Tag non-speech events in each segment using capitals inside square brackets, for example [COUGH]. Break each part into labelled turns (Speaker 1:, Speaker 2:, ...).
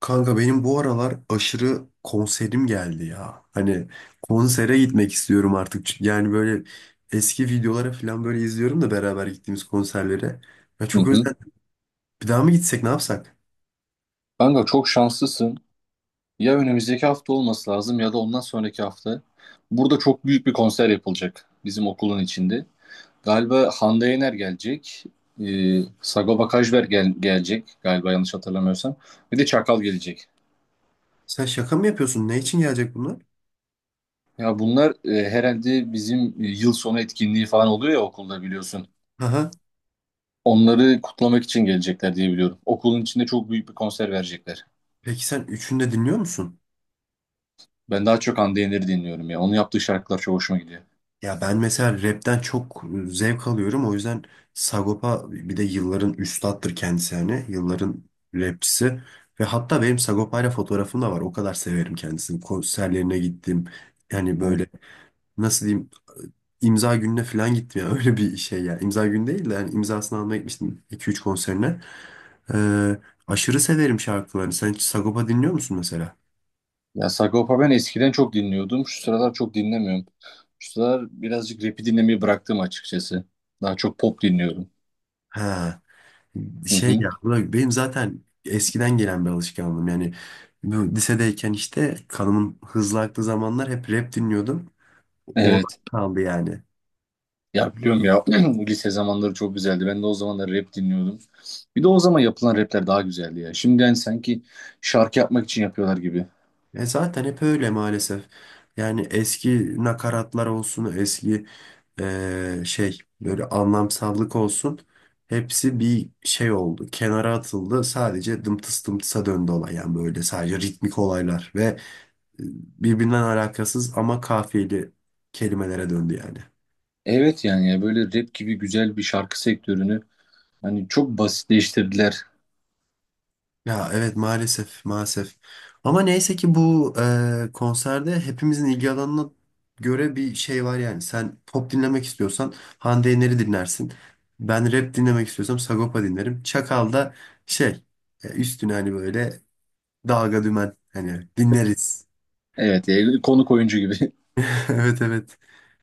Speaker 1: Kanka benim bu aralar aşırı konserim geldi ya. Hani konsere gitmek istiyorum artık. Yani böyle eski videolara falan böyle izliyorum da beraber gittiğimiz konserlere. Ya
Speaker 2: Hı
Speaker 1: çok
Speaker 2: hı.
Speaker 1: özledim. Bir daha mı gitsek ne yapsak?
Speaker 2: Kanka çok şanslısın. Ya önümüzdeki hafta olması lazım ya da ondan sonraki hafta. Burada çok büyük bir konser yapılacak bizim okulun içinde. Galiba Hande Yener gelecek. Sagopa Kajmer gelecek galiba yanlış hatırlamıyorsam. Bir de Çakal gelecek.
Speaker 1: Sen şaka mı yapıyorsun? Ne için gelecek bunlar?
Speaker 2: Ya bunlar herhalde bizim yıl sonu etkinliği falan oluyor ya okulda biliyorsun.
Speaker 1: Aha.
Speaker 2: Onları kutlamak için gelecekler diye biliyorum. Okulun içinde çok büyük bir konser verecekler.
Speaker 1: Peki sen üçünü de dinliyor musun?
Speaker 2: Ben daha çok Hande Yener'i dinliyorum ya. Onun yaptığı şarkılar çok hoşuma gidiyor.
Speaker 1: Ya ben mesela rapten çok zevk alıyorum. O yüzden Sagopa bir de yılların üstattır kendisi hani. Yılların rapçisi. Ve hatta benim Sagopa'yla fotoğrafım da var. O kadar severim kendisini. Konserlerine gittim. Yani böyle nasıl diyeyim imza gününe falan gittim. Ya [LAUGHS] öyle bir şey yani. İmza günü değil de yani imzasını almaya gitmiştim 2-3 konserine. Ee, aşırı severim şarkılarını. Sen hiç Sagopa dinliyor musun mesela?
Speaker 2: Ya Sagopa ben eskiden çok dinliyordum. Şu sıralar çok dinlemiyorum. Şu sıralar birazcık rap'i dinlemeyi bıraktım açıkçası. Daha çok pop dinliyorum.
Speaker 1: He.
Speaker 2: Hı
Speaker 1: Şey
Speaker 2: hı.
Speaker 1: ya bırak, benim zaten eskiden gelen bir alışkanlığım yani bu lisedeyken işte kanımın hızlı aktığı zamanlar hep rap dinliyordum. Orada
Speaker 2: Evet.
Speaker 1: kaldı yani.
Speaker 2: Ya biliyorum ya [CLEARS THROAT] lise zamanları çok güzeldi. Ben de o zamanlar rap dinliyordum. Bir de o zaman yapılan rapler daha güzeldi ya. Şimdi yani sanki şarkı yapmak için yapıyorlar gibi.
Speaker 1: E zaten hep öyle maalesef. Yani eski nakaratlar olsun, eski şey böyle anlamsallık olsun. Hepsi bir şey oldu. Kenara atıldı. Sadece dımtıs dımtısa döndü olay yani böyle sadece ritmik olaylar ve e, birbirinden alakasız ama kafiyeli kelimelere döndü yani.
Speaker 2: Evet yani ya böyle rap gibi güzel bir şarkı sektörünü hani çok basitleştirdiler.
Speaker 1: Ya evet maalesef maalesef. Ama neyse ki bu konserde hepimizin ilgi alanına göre bir şey var yani. Sen pop dinlemek istiyorsan Hande Yener'i dinlersin. Ben rap dinlemek istiyorsam Sagopa dinlerim. Çakal da şey üstüne hani böyle dalga dümen hani dinleriz.
Speaker 2: Evet ya, konuk oyuncu gibi. [LAUGHS]
Speaker 1: [LAUGHS] Evet, evet.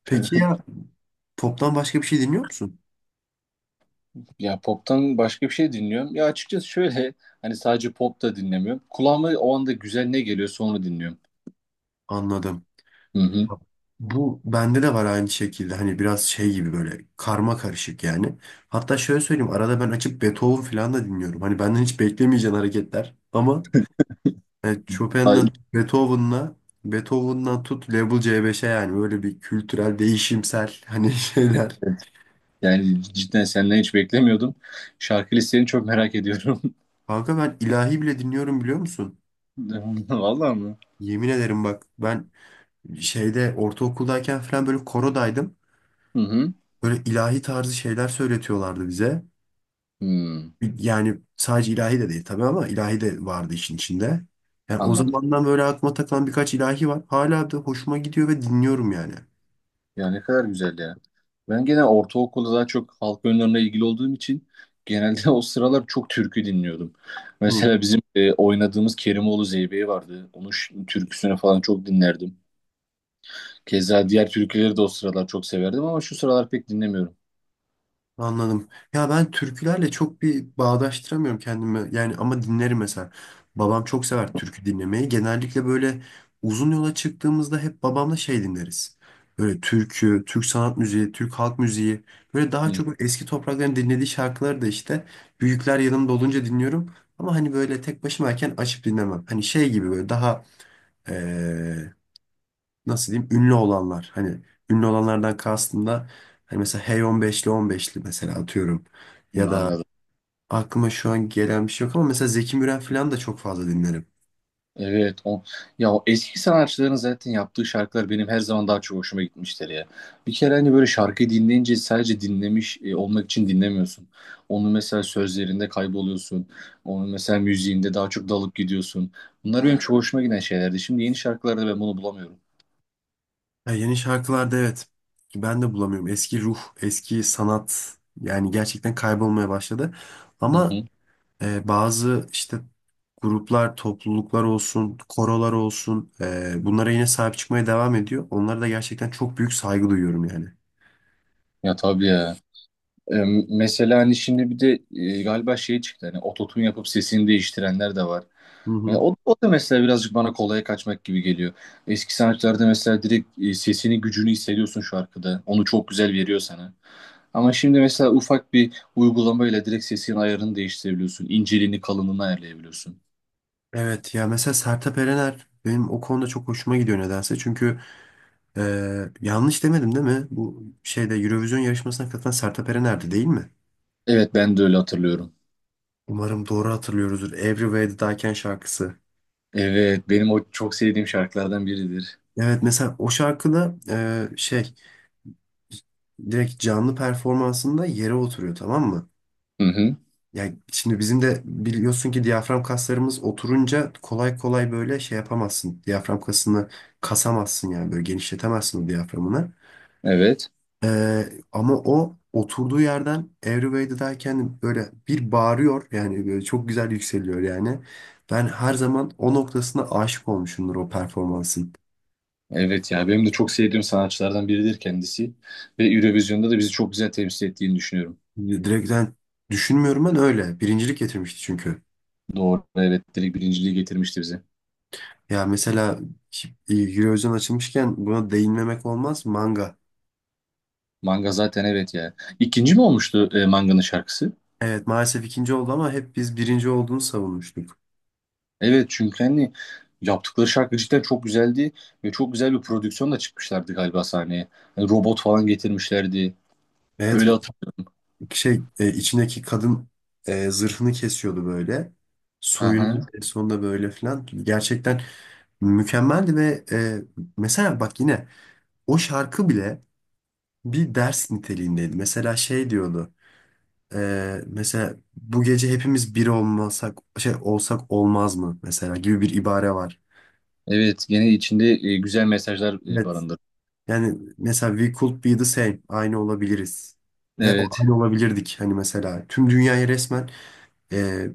Speaker 1: Peki ya poptan başka bir şey dinliyor musun?
Speaker 2: Ya pop'tan başka bir şey dinliyorum. Ya açıkçası şöyle hani sadece pop da dinlemiyorum. Kulağıma o anda güzel ne geliyorsa onu dinliyorum.
Speaker 1: Anladım.
Speaker 2: Hı hı.
Speaker 1: Bu bende de var aynı şekilde hani biraz şey gibi böyle karma karışık yani. Hatta şöyle söyleyeyim arada ben açıp Beethoven falan da dinliyorum. Hani benden hiç beklemeyeceğin hareketler ama yani
Speaker 2: Ay.
Speaker 1: Chopin'den Beethoven'la Beethoven'dan tut Level C5'e yani böyle bir kültürel değişimsel hani [LAUGHS] şeyler.
Speaker 2: Yani cidden senden hiç beklemiyordum. Şarkı listeni çok merak ediyorum.
Speaker 1: Kanka ben ilahi bile dinliyorum biliyor musun?
Speaker 2: [LAUGHS] Vallahi mı?
Speaker 1: Yemin ederim bak ben şeyde ortaokuldayken falan böyle korodaydım.
Speaker 2: Hı hı.
Speaker 1: Böyle ilahi tarzı şeyler söyletiyorlardı bize.
Speaker 2: Hmm,
Speaker 1: Yani sadece ilahi de değil tabii ama ilahi de vardı işin içinde. Yani o
Speaker 2: anladım.
Speaker 1: zamandan böyle aklıma takılan birkaç ilahi var. Hala da hoşuma gidiyor ve dinliyorum yani.
Speaker 2: Ya ne kadar güzel ya. Ben gene ortaokulda daha çok halk oyunlarına ilgili olduğum için genelde [LAUGHS] o sıralar çok türkü dinliyordum.
Speaker 1: Hı.
Speaker 2: Mesela bizim oynadığımız Kerimoğlu Zeybe'yi vardı. Onun türküsünü falan çok dinlerdim. Keza diğer türküleri de o sıralar çok severdim ama şu sıralar pek dinlemiyorum.
Speaker 1: Anladım. Ya ben türkülerle çok bir bağdaştıramıyorum kendimi. Yani ama dinlerim mesela. Babam çok sever türkü dinlemeyi. Genellikle böyle uzun yola çıktığımızda hep babamla şey dinleriz. Böyle türkü, Türk sanat müziği, Türk halk müziği. Böyle daha
Speaker 2: Hı,
Speaker 1: çok eski toprakların dinlediği şarkıları da işte büyükler yanımda olunca dinliyorum. Ama hani böyle tek başımayken açıp dinlemem. Hani şey gibi böyle daha nasıl diyeyim ünlü olanlar. Hani ünlü olanlardan kastım da hani mesela Hey 15'li 15'li mesela atıyorum.
Speaker 2: hı,
Speaker 1: Ya da
Speaker 2: anladım.
Speaker 1: aklıma şu an gelen bir şey yok ama mesela Zeki Müren falan da çok fazla dinlerim.
Speaker 2: Evet o, ya o eski sanatçıların zaten yaptığı şarkılar benim her zaman daha çok hoşuma gitmiştir ya. Bir kere hani böyle şarkıyı dinleyince sadece dinlemiş olmak için dinlemiyorsun. Onu mesela sözlerinde kayboluyorsun. Onu mesela müziğinde daha çok dalıp gidiyorsun. Bunlar benim çok hoşuma giden şeylerdi. Şimdi yeni şarkılarda ben bunu bulamıyorum.
Speaker 1: Ya yeni şarkılarda evet ben de bulamıyorum. Eski ruh, eski sanat yani gerçekten kaybolmaya başladı.
Speaker 2: Hı
Speaker 1: Ama
Speaker 2: hı.
Speaker 1: bazı işte gruplar, topluluklar olsun, korolar olsun bunlara yine sahip çıkmaya devam ediyor. Onlara da gerçekten çok büyük saygı duyuyorum yani.
Speaker 2: Ya tabii ya. E, mesela hani şimdi bir de galiba şey çıktı hani ototun yapıp sesini değiştirenler de var.
Speaker 1: Hı hı.
Speaker 2: O da mesela birazcık bana kolaya kaçmak gibi geliyor. Eski sanatçılarda mesela direkt sesini gücünü hissediyorsun şarkıda. Onu çok güzel veriyor sana. Ama şimdi mesela ufak bir uygulamayla direkt sesin ayarını değiştirebiliyorsun. İnceliğini, kalınlığını ayarlayabiliyorsun.
Speaker 1: Evet ya mesela Sertab Erener benim o konuda çok hoşuma gidiyor nedense. Çünkü yanlış demedim değil mi? Bu şeyde Eurovision yarışmasına katılan Sertab Erener'di değil mi?
Speaker 2: Evet ben de öyle hatırlıyorum.
Speaker 1: Umarım doğru hatırlıyoruzdur. Every Way That I Can şarkısı.
Speaker 2: Evet benim o çok sevdiğim şarkılardan biridir.
Speaker 1: Evet mesela o şarkıda şey direkt canlı performansında yere oturuyor tamam mı?
Speaker 2: Hı hı.
Speaker 1: Yani şimdi bizim de biliyorsun ki diyafram kaslarımız oturunca kolay kolay böyle şey yapamazsın. Diyafram kasını kasamazsın yani böyle genişletemezsin o diyaframını.
Speaker 2: Evet.
Speaker 1: Ama o oturduğu yerden Everyway'dayken böyle bir bağırıyor yani böyle çok güzel yükseliyor yani. Ben her zaman o noktasına aşık olmuşumdur o performansın.
Speaker 2: Evet ya benim de çok sevdiğim sanatçılardan biridir kendisi ve Eurovision'da da bizi çok güzel temsil ettiğini düşünüyorum.
Speaker 1: Direkt ben düşünmüyorum ben öyle. Birincilik getirmişti çünkü.
Speaker 2: Doğru, evet, direkt birinciliği getirmişti bize.
Speaker 1: Ya mesela Eurovision açılmışken buna değinmemek olmaz. Manga.
Speaker 2: Manga zaten evet ya. İkinci mi olmuştu Manga'nın şarkısı?
Speaker 1: Evet maalesef ikinci oldu ama hep biz birinci olduğunu savunmuştuk.
Speaker 2: Evet çünkü hani yaptıkları şarkı cidden çok güzeldi ve çok güzel bir prodüksiyonla çıkmışlardı galiba sahneye. Hani robot falan getirmişlerdi.
Speaker 1: Evet
Speaker 2: Böyle hatırlıyorum.
Speaker 1: şey içindeki kadın zırhını kesiyordu böyle.
Speaker 2: Aha.
Speaker 1: Soyunuyordu en sonunda böyle filan. Gerçekten mükemmeldi ve mesela bak yine o şarkı bile bir ders niteliğindeydi. Mesela şey diyordu. Mesela bu gece hepimiz bir olmasak şey olsak olmaz mı mesela gibi bir ibare var.
Speaker 2: Evet gene içinde güzel mesajlar
Speaker 1: Evet.
Speaker 2: barındırıyor.
Speaker 1: Yani mesela we could be the same. Aynı olabiliriz. Yani
Speaker 2: Evet.
Speaker 1: aynı olabilirdik hani mesela. Tüm dünyayı resmen e,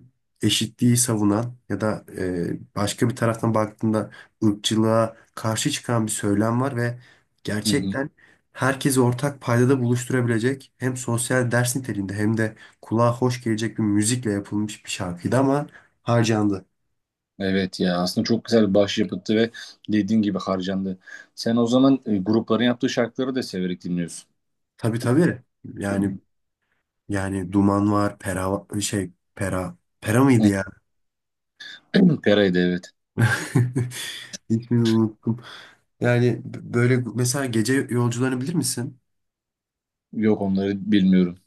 Speaker 1: eşitliği savunan ya da başka bir taraftan baktığında ırkçılığa karşı çıkan bir söylem var ve
Speaker 2: Hı hı.
Speaker 1: gerçekten herkesi ortak paydada buluşturabilecek hem sosyal ders niteliğinde hem de kulağa hoş gelecek bir müzikle yapılmış bir şarkıydı ama harcandı.
Speaker 2: Evet ya aslında çok güzel bir başyapıttı ve dediğin gibi harcandı. Sen o zaman grupların yaptığı şarkıları da severek dinliyorsun.
Speaker 1: Tabii, tabii. Yani yani Duman var, Pera mıydı
Speaker 2: Hı.
Speaker 1: ya?
Speaker 2: [CLEARS THROAT] Pera'ydı evet.
Speaker 1: [LAUGHS] İsmini unuttum. Yani böyle mesela gece yolcularını bilir misin?
Speaker 2: Yok onları bilmiyorum.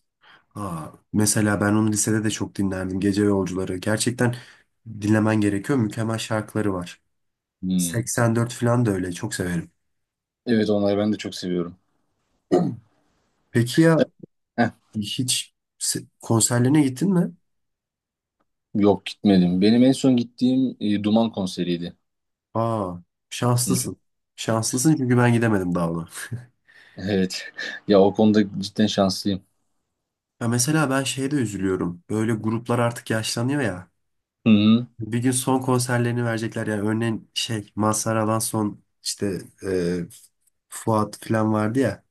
Speaker 1: Aa, mesela ben onu lisede de çok dinlerdim. Gece Yolcuları. Gerçekten dinlemen gerekiyor. Mükemmel şarkıları var.
Speaker 2: Hmm.
Speaker 1: 84 falan da öyle. Çok severim.
Speaker 2: Evet onları ben de çok seviyorum.
Speaker 1: Peki ya
Speaker 2: Heh,
Speaker 1: hiç konserlerine gittin mi?
Speaker 2: yok gitmedim. Benim en son gittiğim Duman konseriydi.
Speaker 1: Aa,
Speaker 2: Hı. Hı.
Speaker 1: şanslısın. Şanslısın çünkü ben gidemedim daha ona.
Speaker 2: Evet. [LAUGHS] Ya o konuda cidden şanslıyım.
Speaker 1: Ya mesela ben şeye de üzülüyorum. Böyle gruplar artık yaşlanıyor ya.
Speaker 2: Hı hı.
Speaker 1: Bir gün son konserlerini verecekler. Yani örneğin şey Mazhar Alan son işte e, Fuat falan vardı ya.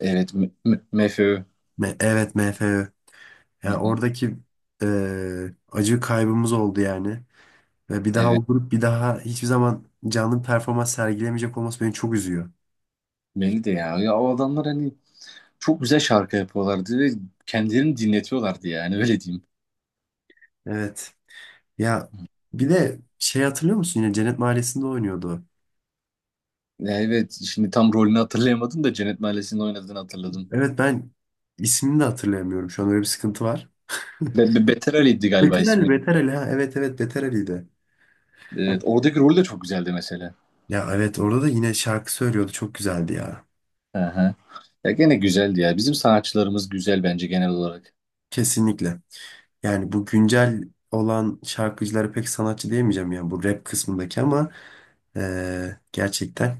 Speaker 2: Evet. MFÖ.
Speaker 1: Evet, MFÖ.
Speaker 2: Hı
Speaker 1: Yani
Speaker 2: hı.
Speaker 1: oradaki acı kaybımız oldu yani. Ve bir daha
Speaker 2: Evet.
Speaker 1: o grup bir daha hiçbir zaman canlı bir performans sergilemeyecek olması beni çok üzüyor.
Speaker 2: Beni de ya. Ya o adamlar hani çok güzel şarkı yapıyorlardı ve kendilerini dinletiyorlardı yani [LAUGHS] öyle diyeyim.
Speaker 1: Evet. Ya bir de şey hatırlıyor musun yine Cennet Mahallesi'nde oynuyordu. O.
Speaker 2: Ya evet şimdi tam rolünü hatırlayamadım da Cennet Mahallesi'nde oynadığını hatırladım.
Speaker 1: Evet ben ismini de hatırlayamıyorum. Şu an öyle bir sıkıntı var.
Speaker 2: Beter Ali'ydi
Speaker 1: [LAUGHS]
Speaker 2: galiba
Speaker 1: Beter Ali,
Speaker 2: ismi.
Speaker 1: Beter Ali, ha. Evet, evet, Beter Ali'ydi.
Speaker 2: Evet, oradaki rol de çok güzeldi mesela.
Speaker 1: Ya evet orada da yine şarkı söylüyordu. Çok güzeldi ya.
Speaker 2: Aha. Ya gene güzeldi ya. Bizim sanatçılarımız güzel bence genel olarak.
Speaker 1: Kesinlikle. Yani bu güncel olan şarkıcıları pek sanatçı diyemeyeceğim ya bu rap kısmındaki ama gerçekten.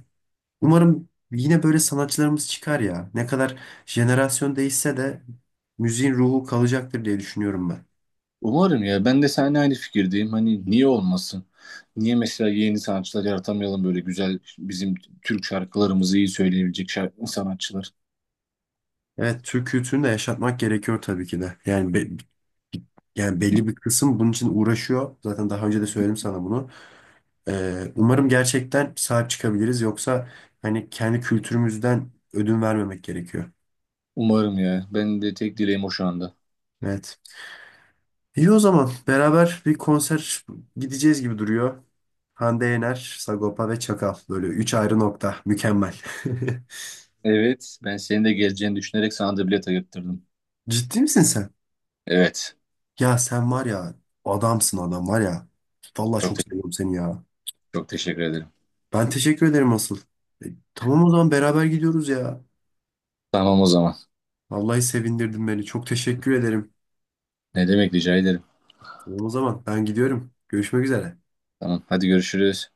Speaker 1: Umarım yine böyle sanatçılarımız çıkar ya. Ne kadar jenerasyon değişse de müziğin ruhu kalacaktır diye düşünüyorum ben.
Speaker 2: Umarım ya. Ben de seninle aynı fikirdeyim. Hani niye olmasın? Niye mesela yeni sanatçılar yaratamayalım böyle güzel bizim Türk şarkılarımızı iyi söyleyebilecek şarkı sanatçılar.
Speaker 1: Evet, Türk kültürünü de yaşatmak gerekiyor tabii ki de. Yani belli bir kısım bunun için uğraşıyor. Zaten daha önce de söyledim sana bunu. Umarım gerçekten sahip çıkabiliriz. Yoksa hani kendi kültürümüzden ödün vermemek gerekiyor.
Speaker 2: Umarım ya. Ben de tek dileğim o şu anda.
Speaker 1: Evet. İyi o zaman beraber bir konser gideceğiz gibi duruyor. Hande Yener, Sagopa ve Çakal. Böyle üç ayrı nokta. Mükemmel.
Speaker 2: Evet. Ben senin de geleceğini düşünerek sana da bilet ayırttırdım.
Speaker 1: [LAUGHS] Ciddi misin sen?
Speaker 2: Evet.
Speaker 1: Ya sen var ya adamsın adam var ya. Vallahi
Speaker 2: Çok,
Speaker 1: çok seviyorum seni ya.
Speaker 2: çok teşekkür ederim.
Speaker 1: Ben teşekkür ederim asıl. E, tamam o zaman beraber gidiyoruz ya.
Speaker 2: Tamam o zaman.
Speaker 1: Vallahi sevindirdin beni. Çok teşekkür ederim.
Speaker 2: Ne demek, rica ederim.
Speaker 1: Tamam o zaman ben gidiyorum. Görüşmek üzere.
Speaker 2: Tamam hadi görüşürüz.